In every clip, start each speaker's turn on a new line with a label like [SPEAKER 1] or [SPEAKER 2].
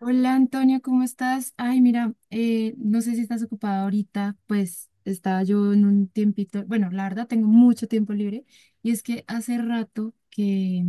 [SPEAKER 1] Hola, Antonio, ¿cómo estás? Ay, mira, no sé si estás ocupada ahorita, pues estaba yo en un tiempito, bueno, la verdad tengo mucho tiempo libre y es que hace rato que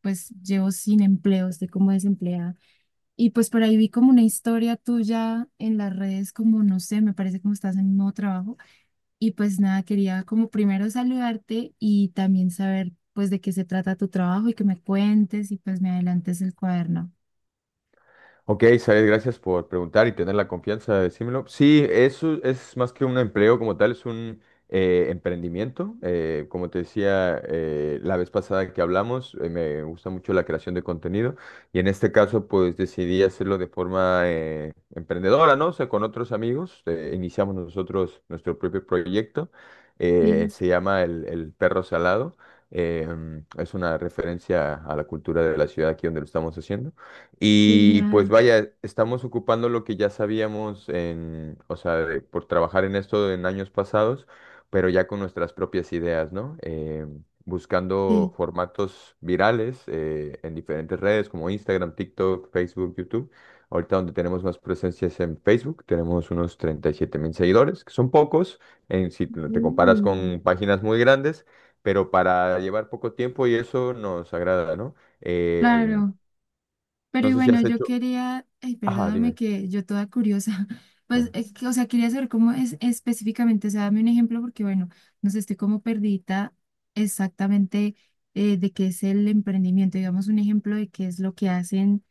[SPEAKER 1] pues llevo sin empleo, estoy como desempleada. Y pues por ahí vi como una historia tuya en las redes, como no sé, me parece como estás en un nuevo trabajo. Y pues nada, quería como primero saludarte y también saber pues de qué se trata tu trabajo y que me cuentes y pues me adelantes el cuaderno.
[SPEAKER 2] Ok, Said, gracias por preguntar y tener la confianza de decírmelo. Sí, eso es más que un empleo como tal, es un emprendimiento. Como te decía la vez pasada que hablamos, me gusta mucho la creación de contenido y en este caso pues decidí hacerlo de forma emprendedora, ¿no? O sea, con otros amigos, iniciamos nosotros nuestro propio proyecto,
[SPEAKER 1] Sí, es
[SPEAKER 2] se llama El Perro Salado. eh, es una referencia a la cultura de la ciudad aquí donde lo estamos haciendo. Y pues
[SPEAKER 1] genial.
[SPEAKER 2] vaya, estamos ocupando lo que ya sabíamos en, o sea, por trabajar en esto en años pasados, pero ya con nuestras propias ideas, ¿no?
[SPEAKER 1] Sí.
[SPEAKER 2] Buscando formatos virales en diferentes redes como Instagram, TikTok, Facebook, YouTube. Ahorita donde tenemos más presencias en Facebook, tenemos unos 37.000 seguidores, que son pocos en, si te comparas
[SPEAKER 1] Mm.
[SPEAKER 2] con páginas muy grandes, pero para llevar poco tiempo y eso nos agrada, ¿no? Eh,
[SPEAKER 1] Claro, pero
[SPEAKER 2] no
[SPEAKER 1] y
[SPEAKER 2] sé si
[SPEAKER 1] bueno,
[SPEAKER 2] has
[SPEAKER 1] yo
[SPEAKER 2] hecho...
[SPEAKER 1] quería, ay,
[SPEAKER 2] Ajá,
[SPEAKER 1] perdóname
[SPEAKER 2] dime.
[SPEAKER 1] que yo toda curiosa,
[SPEAKER 2] Eh.
[SPEAKER 1] pues, es que, o sea, quería saber cómo es específicamente, o sea, dame un ejemplo porque, bueno, no sé, estoy como perdida exactamente de qué es el emprendimiento, digamos un ejemplo de qué es lo que hacen,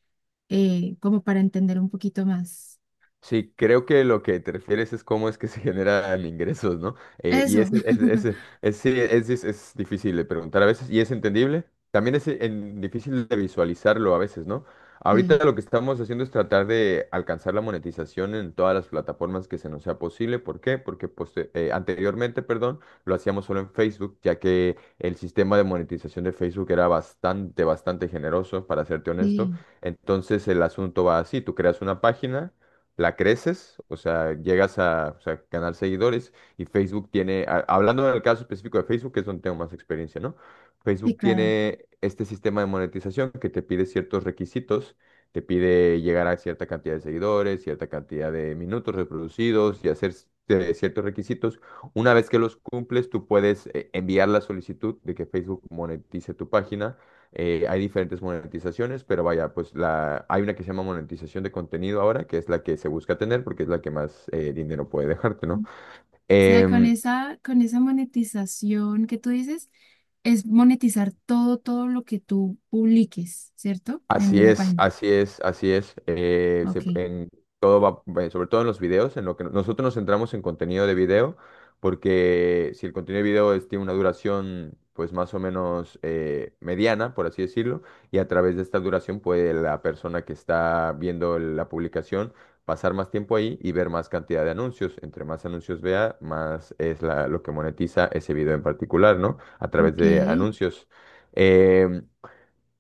[SPEAKER 1] como para entender un poquito más.
[SPEAKER 2] Sí, creo que lo que te refieres es cómo es que se generan ingresos, ¿no?
[SPEAKER 1] Eso.
[SPEAKER 2] Es- sí, es difícil de preguntar a veces y es entendible. También es difícil de visualizarlo a veces, ¿no? Ahorita
[SPEAKER 1] Sí,
[SPEAKER 2] lo que estamos haciendo es tratar de alcanzar la monetización en todas las plataformas que se nos sea posible. ¿Por qué? Porque anteriormente, perdón, lo hacíamos solo en Facebook, ya que el sistema de monetización de Facebook era bastante, bastante generoso, para serte honesto.
[SPEAKER 1] sí,
[SPEAKER 2] Entonces el asunto va así, tú creas una página la creces, o sea, llegas a, o sea, ganar seguidores y Facebook tiene, hablando en el caso específico de Facebook, que es donde tengo más experiencia, ¿no?
[SPEAKER 1] sí,
[SPEAKER 2] Facebook
[SPEAKER 1] claro.
[SPEAKER 2] tiene este sistema de monetización que te pide ciertos requisitos, te pide llegar a cierta cantidad de seguidores, cierta cantidad de minutos reproducidos y hacer ciertos requisitos. Una vez que los cumples, tú puedes enviar la solicitud de que Facebook monetice tu página. Hay diferentes monetizaciones, pero vaya, pues la, hay una que se llama monetización de contenido ahora, que es la que se busca tener porque es la que más dinero puede dejarte, ¿no?
[SPEAKER 1] Sea,
[SPEAKER 2] Em,
[SPEAKER 1] con esa monetización que tú dices, es monetizar todo, todo lo que tú publiques, ¿cierto?
[SPEAKER 2] Así
[SPEAKER 1] En la
[SPEAKER 2] es,
[SPEAKER 1] página.
[SPEAKER 2] así es, así es.
[SPEAKER 1] Ok,
[SPEAKER 2] En sobre todo en los videos, en lo que nosotros nos centramos en contenido de video, porque si el contenido de video tiene una duración, pues más o menos mediana, por así decirlo, y a través de esta duración puede la persona que está viendo la publicación pasar más tiempo ahí y ver más cantidad de anuncios. Entre más anuncios vea, más es lo que monetiza ese video en particular, ¿no? A través
[SPEAKER 1] ok,
[SPEAKER 2] de anuncios. Em,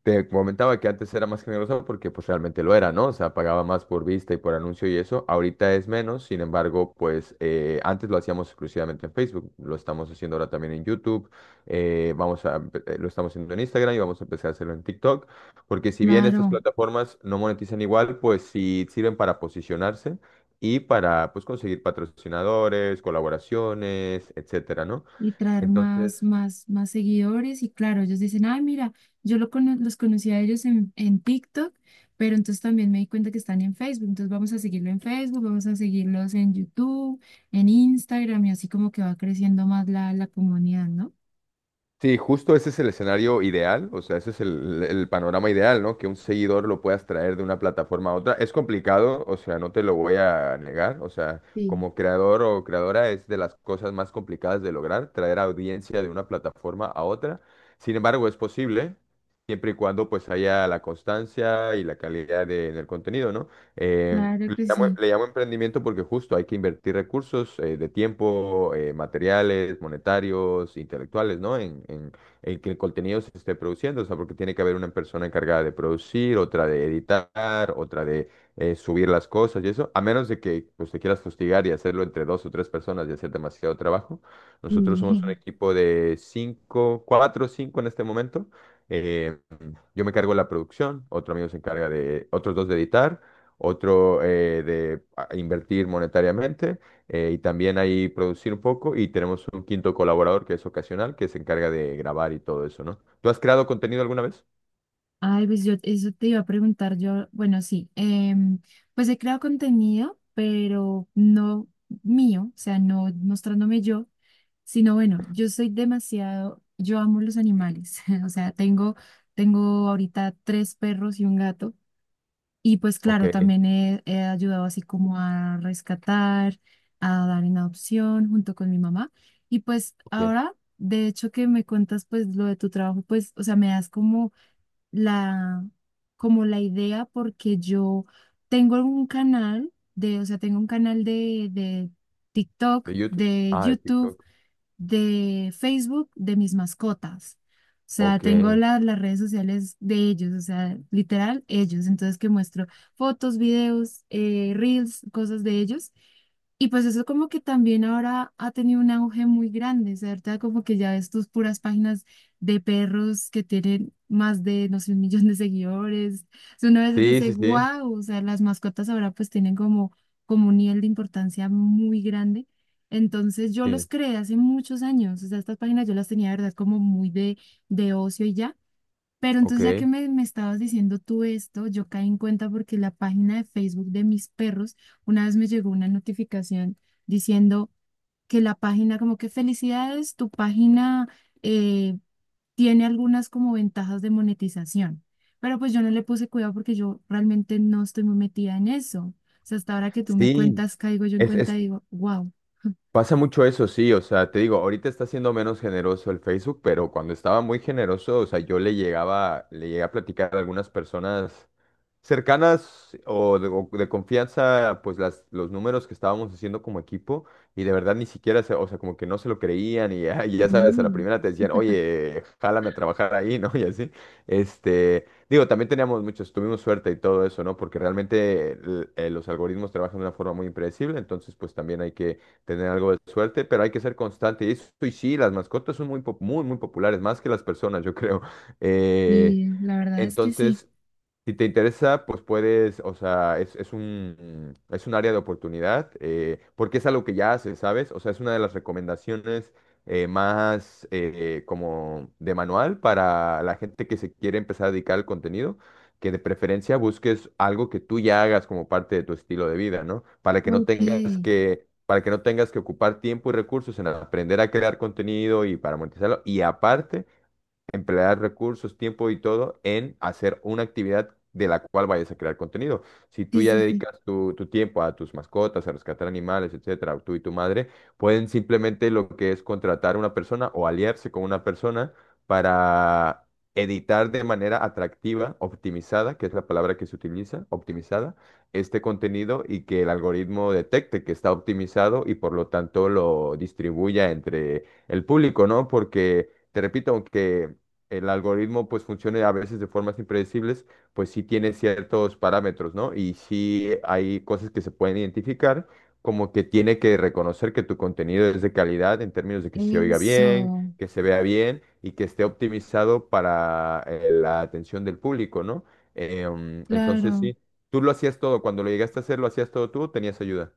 [SPEAKER 2] Te comentaba que antes era más generosa porque pues realmente lo era, ¿no? O sea, pagaba más por vista y por anuncio y eso. Ahorita es menos, sin embargo, pues antes lo hacíamos exclusivamente en Facebook, lo estamos haciendo ahora también en YouTube, lo estamos haciendo en Instagram y vamos a empezar a hacerlo en TikTok, porque si bien estas
[SPEAKER 1] claro.
[SPEAKER 2] plataformas no monetizan igual, pues sí sirven para posicionarse y para pues conseguir patrocinadores, colaboraciones, etcétera, ¿no?
[SPEAKER 1] Y traer más,
[SPEAKER 2] Entonces...
[SPEAKER 1] más, más seguidores. Y claro, ellos dicen, ay, mira, los conocí a ellos en TikTok, pero entonces también me di cuenta que están en Facebook. Entonces vamos a seguirlo en Facebook, vamos a seguirlos en YouTube, en Instagram, y así como que va creciendo más la, la comunidad, ¿no?
[SPEAKER 2] Sí, justo ese es el escenario ideal, o sea, ese es el panorama ideal, ¿no? Que un seguidor lo puedas traer de una plataforma a otra. Es complicado, o sea, no te lo voy a negar, o sea,
[SPEAKER 1] Sí,
[SPEAKER 2] como creador o creadora es de las cosas más complicadas de lograr, traer audiencia de una plataforma a otra. Sin embargo, es posible, siempre y cuando pues haya la constancia y la calidad en el contenido, ¿no?
[SPEAKER 1] claro
[SPEAKER 2] Le
[SPEAKER 1] que
[SPEAKER 2] llamo,
[SPEAKER 1] sí.
[SPEAKER 2] le llamo emprendimiento porque justo hay que invertir recursos de tiempo, materiales, monetarios, intelectuales, ¿no? En que el contenido se esté produciendo, o sea, porque tiene que haber una persona encargada de producir, otra de editar, otra de subir las cosas y eso, a menos de que pues, te quieras fustigar y hacerlo entre dos o tres personas y hacer demasiado trabajo. Nosotros somos un
[SPEAKER 1] Sí.
[SPEAKER 2] equipo de cinco, cuatro o cinco en este momento. Eh, yo me encargo de la producción, otro amigo se encarga de, otros dos de editar, otro invertir monetariamente y también ahí producir un poco y tenemos un quinto colaborador que es ocasional que se encarga de grabar y todo eso, ¿no? ¿Tú has creado contenido alguna vez?
[SPEAKER 1] Ay, pues yo eso te iba a preguntar yo, bueno, sí, pues he creado contenido, pero no mío, o sea, no mostrándome yo, sino bueno, yo soy demasiado, yo amo los animales, o sea, tengo, tengo ahorita 3 perros y un gato, y pues
[SPEAKER 2] Ok,
[SPEAKER 1] claro, también he, he ayudado así como a rescatar, a dar en adopción junto con mi mamá, y pues
[SPEAKER 2] ok.
[SPEAKER 1] ahora, de hecho que me cuentas pues lo de tu trabajo, pues, o sea, me das la, como la idea porque yo tengo un canal de, o sea, tengo un canal de TikTok,
[SPEAKER 2] ¿De YouTube?
[SPEAKER 1] de
[SPEAKER 2] Ah, de
[SPEAKER 1] YouTube,
[SPEAKER 2] TikTok.
[SPEAKER 1] de Facebook de mis mascotas. O sea,
[SPEAKER 2] Ok.
[SPEAKER 1] tengo las redes sociales de ellos, o sea, literal, ellos. Entonces, que muestro fotos, videos, reels, cosas de ellos. Y pues eso como que también ahora ha tenido un auge muy grande, ¿cierto? Como que ya ves tus puras páginas de perros que tienen más de, no sé, 1 millón de seguidores. O sea, uno a veces
[SPEAKER 2] Sí,
[SPEAKER 1] dice,
[SPEAKER 2] sí, sí.
[SPEAKER 1] wow, o sea, las mascotas ahora pues tienen como, como un nivel de importancia muy grande. Entonces yo los
[SPEAKER 2] Sí,
[SPEAKER 1] creé hace muchos años, o sea, estas páginas yo las tenía, de verdad, como muy de ocio y ya. Pero entonces ya que
[SPEAKER 2] ok.
[SPEAKER 1] me estabas diciendo tú esto, yo caí en cuenta porque la página de Facebook de mis perros, una vez me llegó una notificación diciendo que la página, como que felicidades, tu página eh, tiene algunas como ventajas de monetización. Pero pues yo no le puse cuidado porque yo realmente no estoy muy metida en eso. O sea, hasta ahora que tú me
[SPEAKER 2] Sí,
[SPEAKER 1] cuentas, caigo yo en cuenta
[SPEAKER 2] es
[SPEAKER 1] y digo, wow.
[SPEAKER 2] Pasa mucho eso, sí, o sea, te digo, ahorita está siendo menos generoso el Facebook, pero cuando estaba muy generoso, o sea, yo le llegaba, le llegué a platicar a algunas personas cercanas o de confianza, pues las, los números que estábamos haciendo como equipo, y de verdad ni siquiera, se, o sea, como que no se lo creían, y, y ya sabes, a la
[SPEAKER 1] Sí.
[SPEAKER 2] primera te decían, oye, jálame a trabajar ahí, ¿no? Y así, este, digo, también teníamos muchos, tuvimos suerte y todo eso, ¿no? Porque realmente los algoritmos trabajan de una forma muy impredecible, entonces, pues también hay que tener algo de suerte, pero hay que ser constante. Y eso, y sí, las mascotas son muy, muy, muy populares, más que las personas, yo creo. Eh,
[SPEAKER 1] Sí, la verdad es que sí.
[SPEAKER 2] entonces, si te interesa, pues puedes, o sea, es un área de oportunidad, porque es algo que ya haces, ¿sabes? O sea, es una de las recomendaciones más como de manual para la gente que se quiere empezar a dedicar al contenido, que de preferencia busques algo que tú ya hagas como parte de tu estilo de vida, ¿no? Para que no
[SPEAKER 1] Ok,
[SPEAKER 2] tengas
[SPEAKER 1] sí,
[SPEAKER 2] que, para que no tengas que ocupar tiempo y recursos en aprender a crear contenido y para monetizarlo. Y aparte emplear recursos, tiempo y todo en hacer una actividad de la cual vayas a crear contenido. Si tú ya
[SPEAKER 1] sí, sí.
[SPEAKER 2] dedicas tu tiempo a tus mascotas, a rescatar animales, etcétera, tú y tu madre, pueden simplemente lo que es contratar a una persona o aliarse con una persona para editar de manera atractiva, optimizada, que es la palabra que se utiliza, optimizada, este contenido y que el algoritmo detecte que está optimizado y por lo tanto lo distribuya entre el público, ¿no? Porque, te repito, aunque el algoritmo pues funcione a veces de formas impredecibles, pues sí tiene ciertos parámetros, ¿no? Y sí hay cosas que se pueden identificar, como que tiene que reconocer que tu contenido es de calidad en términos de que se oiga bien,
[SPEAKER 1] Eso,
[SPEAKER 2] que se vea bien y que esté optimizado para la atención del público, ¿no? Entonces
[SPEAKER 1] claro.
[SPEAKER 2] sí, tú lo hacías todo, cuando lo llegaste a hacer, lo hacías todo tú, tenías ayuda.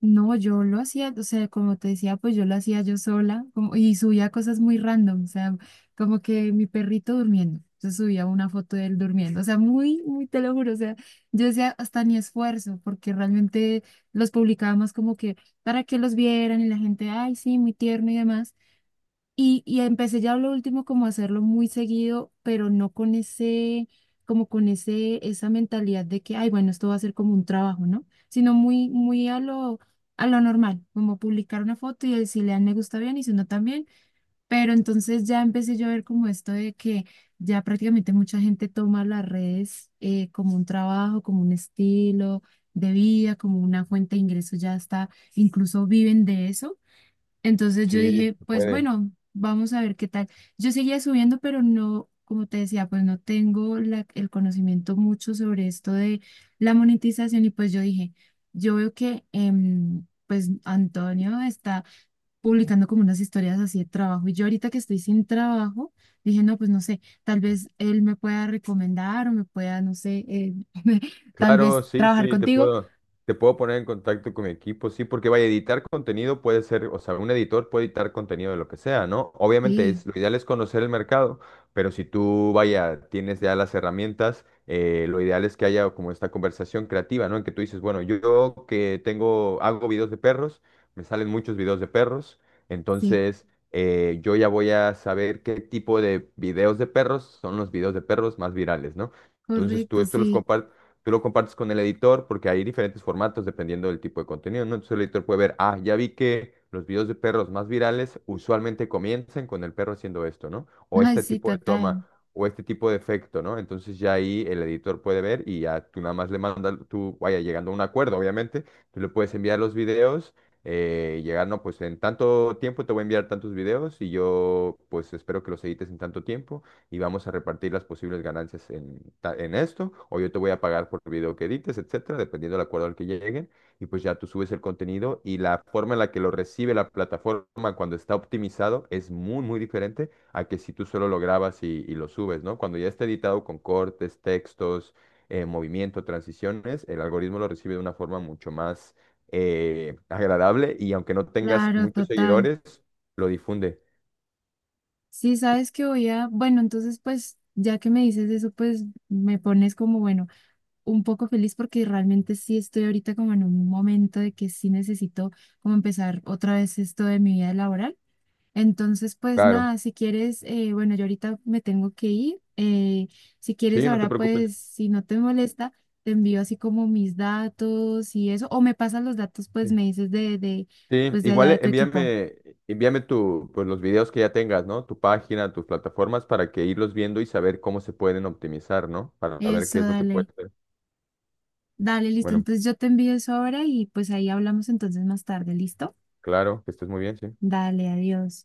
[SPEAKER 1] No, yo lo hacía, o sea, como te decía, pues yo lo hacía yo sola como, y subía cosas muy random, o sea, como que mi perrito durmiendo. Entonces subía una foto de él durmiendo, o sea, muy, muy, te lo juro, o sea, yo decía hasta ni esfuerzo, porque realmente los publicábamos como que para que los vieran y la gente, ay, sí, muy tierno y demás. Y empecé ya lo último como a hacerlo muy seguido, pero no con ese, como con ese, esa mentalidad de que, ay, bueno, esto va a ser como un trabajo, ¿no? Sino muy, muy a lo normal, como publicar una foto y si le dan me gusta bien y si no también. Pero entonces ya empecé yo a ver como esto de que ya prácticamente mucha gente toma las redes como un trabajo, como un estilo de vida, como una fuente de ingresos, ya está, incluso viven de eso. Entonces yo
[SPEAKER 2] Sí,
[SPEAKER 1] dije,
[SPEAKER 2] se
[SPEAKER 1] pues
[SPEAKER 2] puede.
[SPEAKER 1] bueno, vamos a ver qué tal. Yo seguía subiendo, pero no, como te decía, pues no tengo el conocimiento mucho sobre esto de la monetización y pues yo dije, yo veo que pues Antonio está publicando como unas historias así de trabajo y yo ahorita que estoy sin trabajo, dije, no, pues no sé, tal vez él me pueda recomendar o me pueda, no sé, tal
[SPEAKER 2] Claro,
[SPEAKER 1] vez
[SPEAKER 2] sí,
[SPEAKER 1] trabajar
[SPEAKER 2] sí,
[SPEAKER 1] contigo.
[SPEAKER 2] te puedo poner en contacto con mi equipo, sí, porque vaya, editar contenido puede ser, o sea, un editor puede editar contenido de lo que sea, ¿no? Obviamente
[SPEAKER 1] Sí,
[SPEAKER 2] es, lo ideal es conocer el mercado, pero si tú, vaya, tienes ya las herramientas, lo ideal es que haya como esta conversación creativa, ¿no? En que tú dices, bueno, yo que tengo, hago videos de perros, me salen muchos videos de perros,
[SPEAKER 1] sí,
[SPEAKER 2] entonces yo ya voy a saber qué tipo de videos de perros son los videos de perros más virales, ¿no? Entonces tú
[SPEAKER 1] correcto,
[SPEAKER 2] esto los
[SPEAKER 1] sí.
[SPEAKER 2] compartes Tú lo compartes con el editor porque hay diferentes formatos dependiendo del tipo de contenido, ¿no? Entonces el editor puede ver, ah, ya vi que los videos de perros más virales usualmente comienzan con el perro haciendo esto, ¿no? O
[SPEAKER 1] Ay,
[SPEAKER 2] este
[SPEAKER 1] sí,
[SPEAKER 2] tipo de toma,
[SPEAKER 1] total.
[SPEAKER 2] o este tipo de efecto, ¿no? Entonces ya ahí el editor puede ver y ya tú nada más le mandas, tú, vaya, llegando a un acuerdo, obviamente, tú le puedes enviar los videos llegar, no, pues en tanto tiempo te voy a enviar tantos videos y yo pues espero que los edites en tanto tiempo y vamos a repartir las posibles ganancias en, en esto, o yo te voy a pagar por el video que edites, etcétera, dependiendo del acuerdo al que lleguen, y pues ya tú subes el contenido y la forma en la que lo recibe la plataforma cuando está optimizado es muy, muy diferente a que si tú solo lo grabas y lo subes, ¿no? Cuando ya está editado con cortes, textos, movimiento, transiciones, el algoritmo lo recibe de una forma mucho más agradable y aunque no tengas
[SPEAKER 1] Claro,
[SPEAKER 2] muchos
[SPEAKER 1] total.
[SPEAKER 2] seguidores, lo difunde.
[SPEAKER 1] Sí, sabes que voy a, bueno, entonces pues ya que me dices eso, pues me pones como, bueno, un poco feliz porque realmente sí estoy ahorita como en un momento de que sí necesito como empezar otra vez esto de mi vida laboral. Entonces, pues
[SPEAKER 2] Claro.
[SPEAKER 1] nada, si quieres, bueno, yo ahorita me tengo que ir. Si quieres
[SPEAKER 2] Sí, no te
[SPEAKER 1] ahora,
[SPEAKER 2] preocupes.
[SPEAKER 1] pues si no te molesta, te envío así como mis datos y eso, o me pasas los datos, pues
[SPEAKER 2] Sí.
[SPEAKER 1] me dices de,
[SPEAKER 2] Sí,
[SPEAKER 1] pues de allá
[SPEAKER 2] igual
[SPEAKER 1] de tu equipo.
[SPEAKER 2] envíame tu, pues los videos que ya tengas, ¿no? Tu página, tus plataformas para que irlos viendo y saber cómo se pueden optimizar, ¿no? Para ver
[SPEAKER 1] Eso,
[SPEAKER 2] qué es lo que puede
[SPEAKER 1] dale.
[SPEAKER 2] ser.
[SPEAKER 1] Dale, listo.
[SPEAKER 2] Bueno,
[SPEAKER 1] Entonces yo te envío eso ahora y pues ahí hablamos entonces más tarde, ¿listo?
[SPEAKER 2] claro, que estés muy bien, sí.
[SPEAKER 1] Dale, adiós.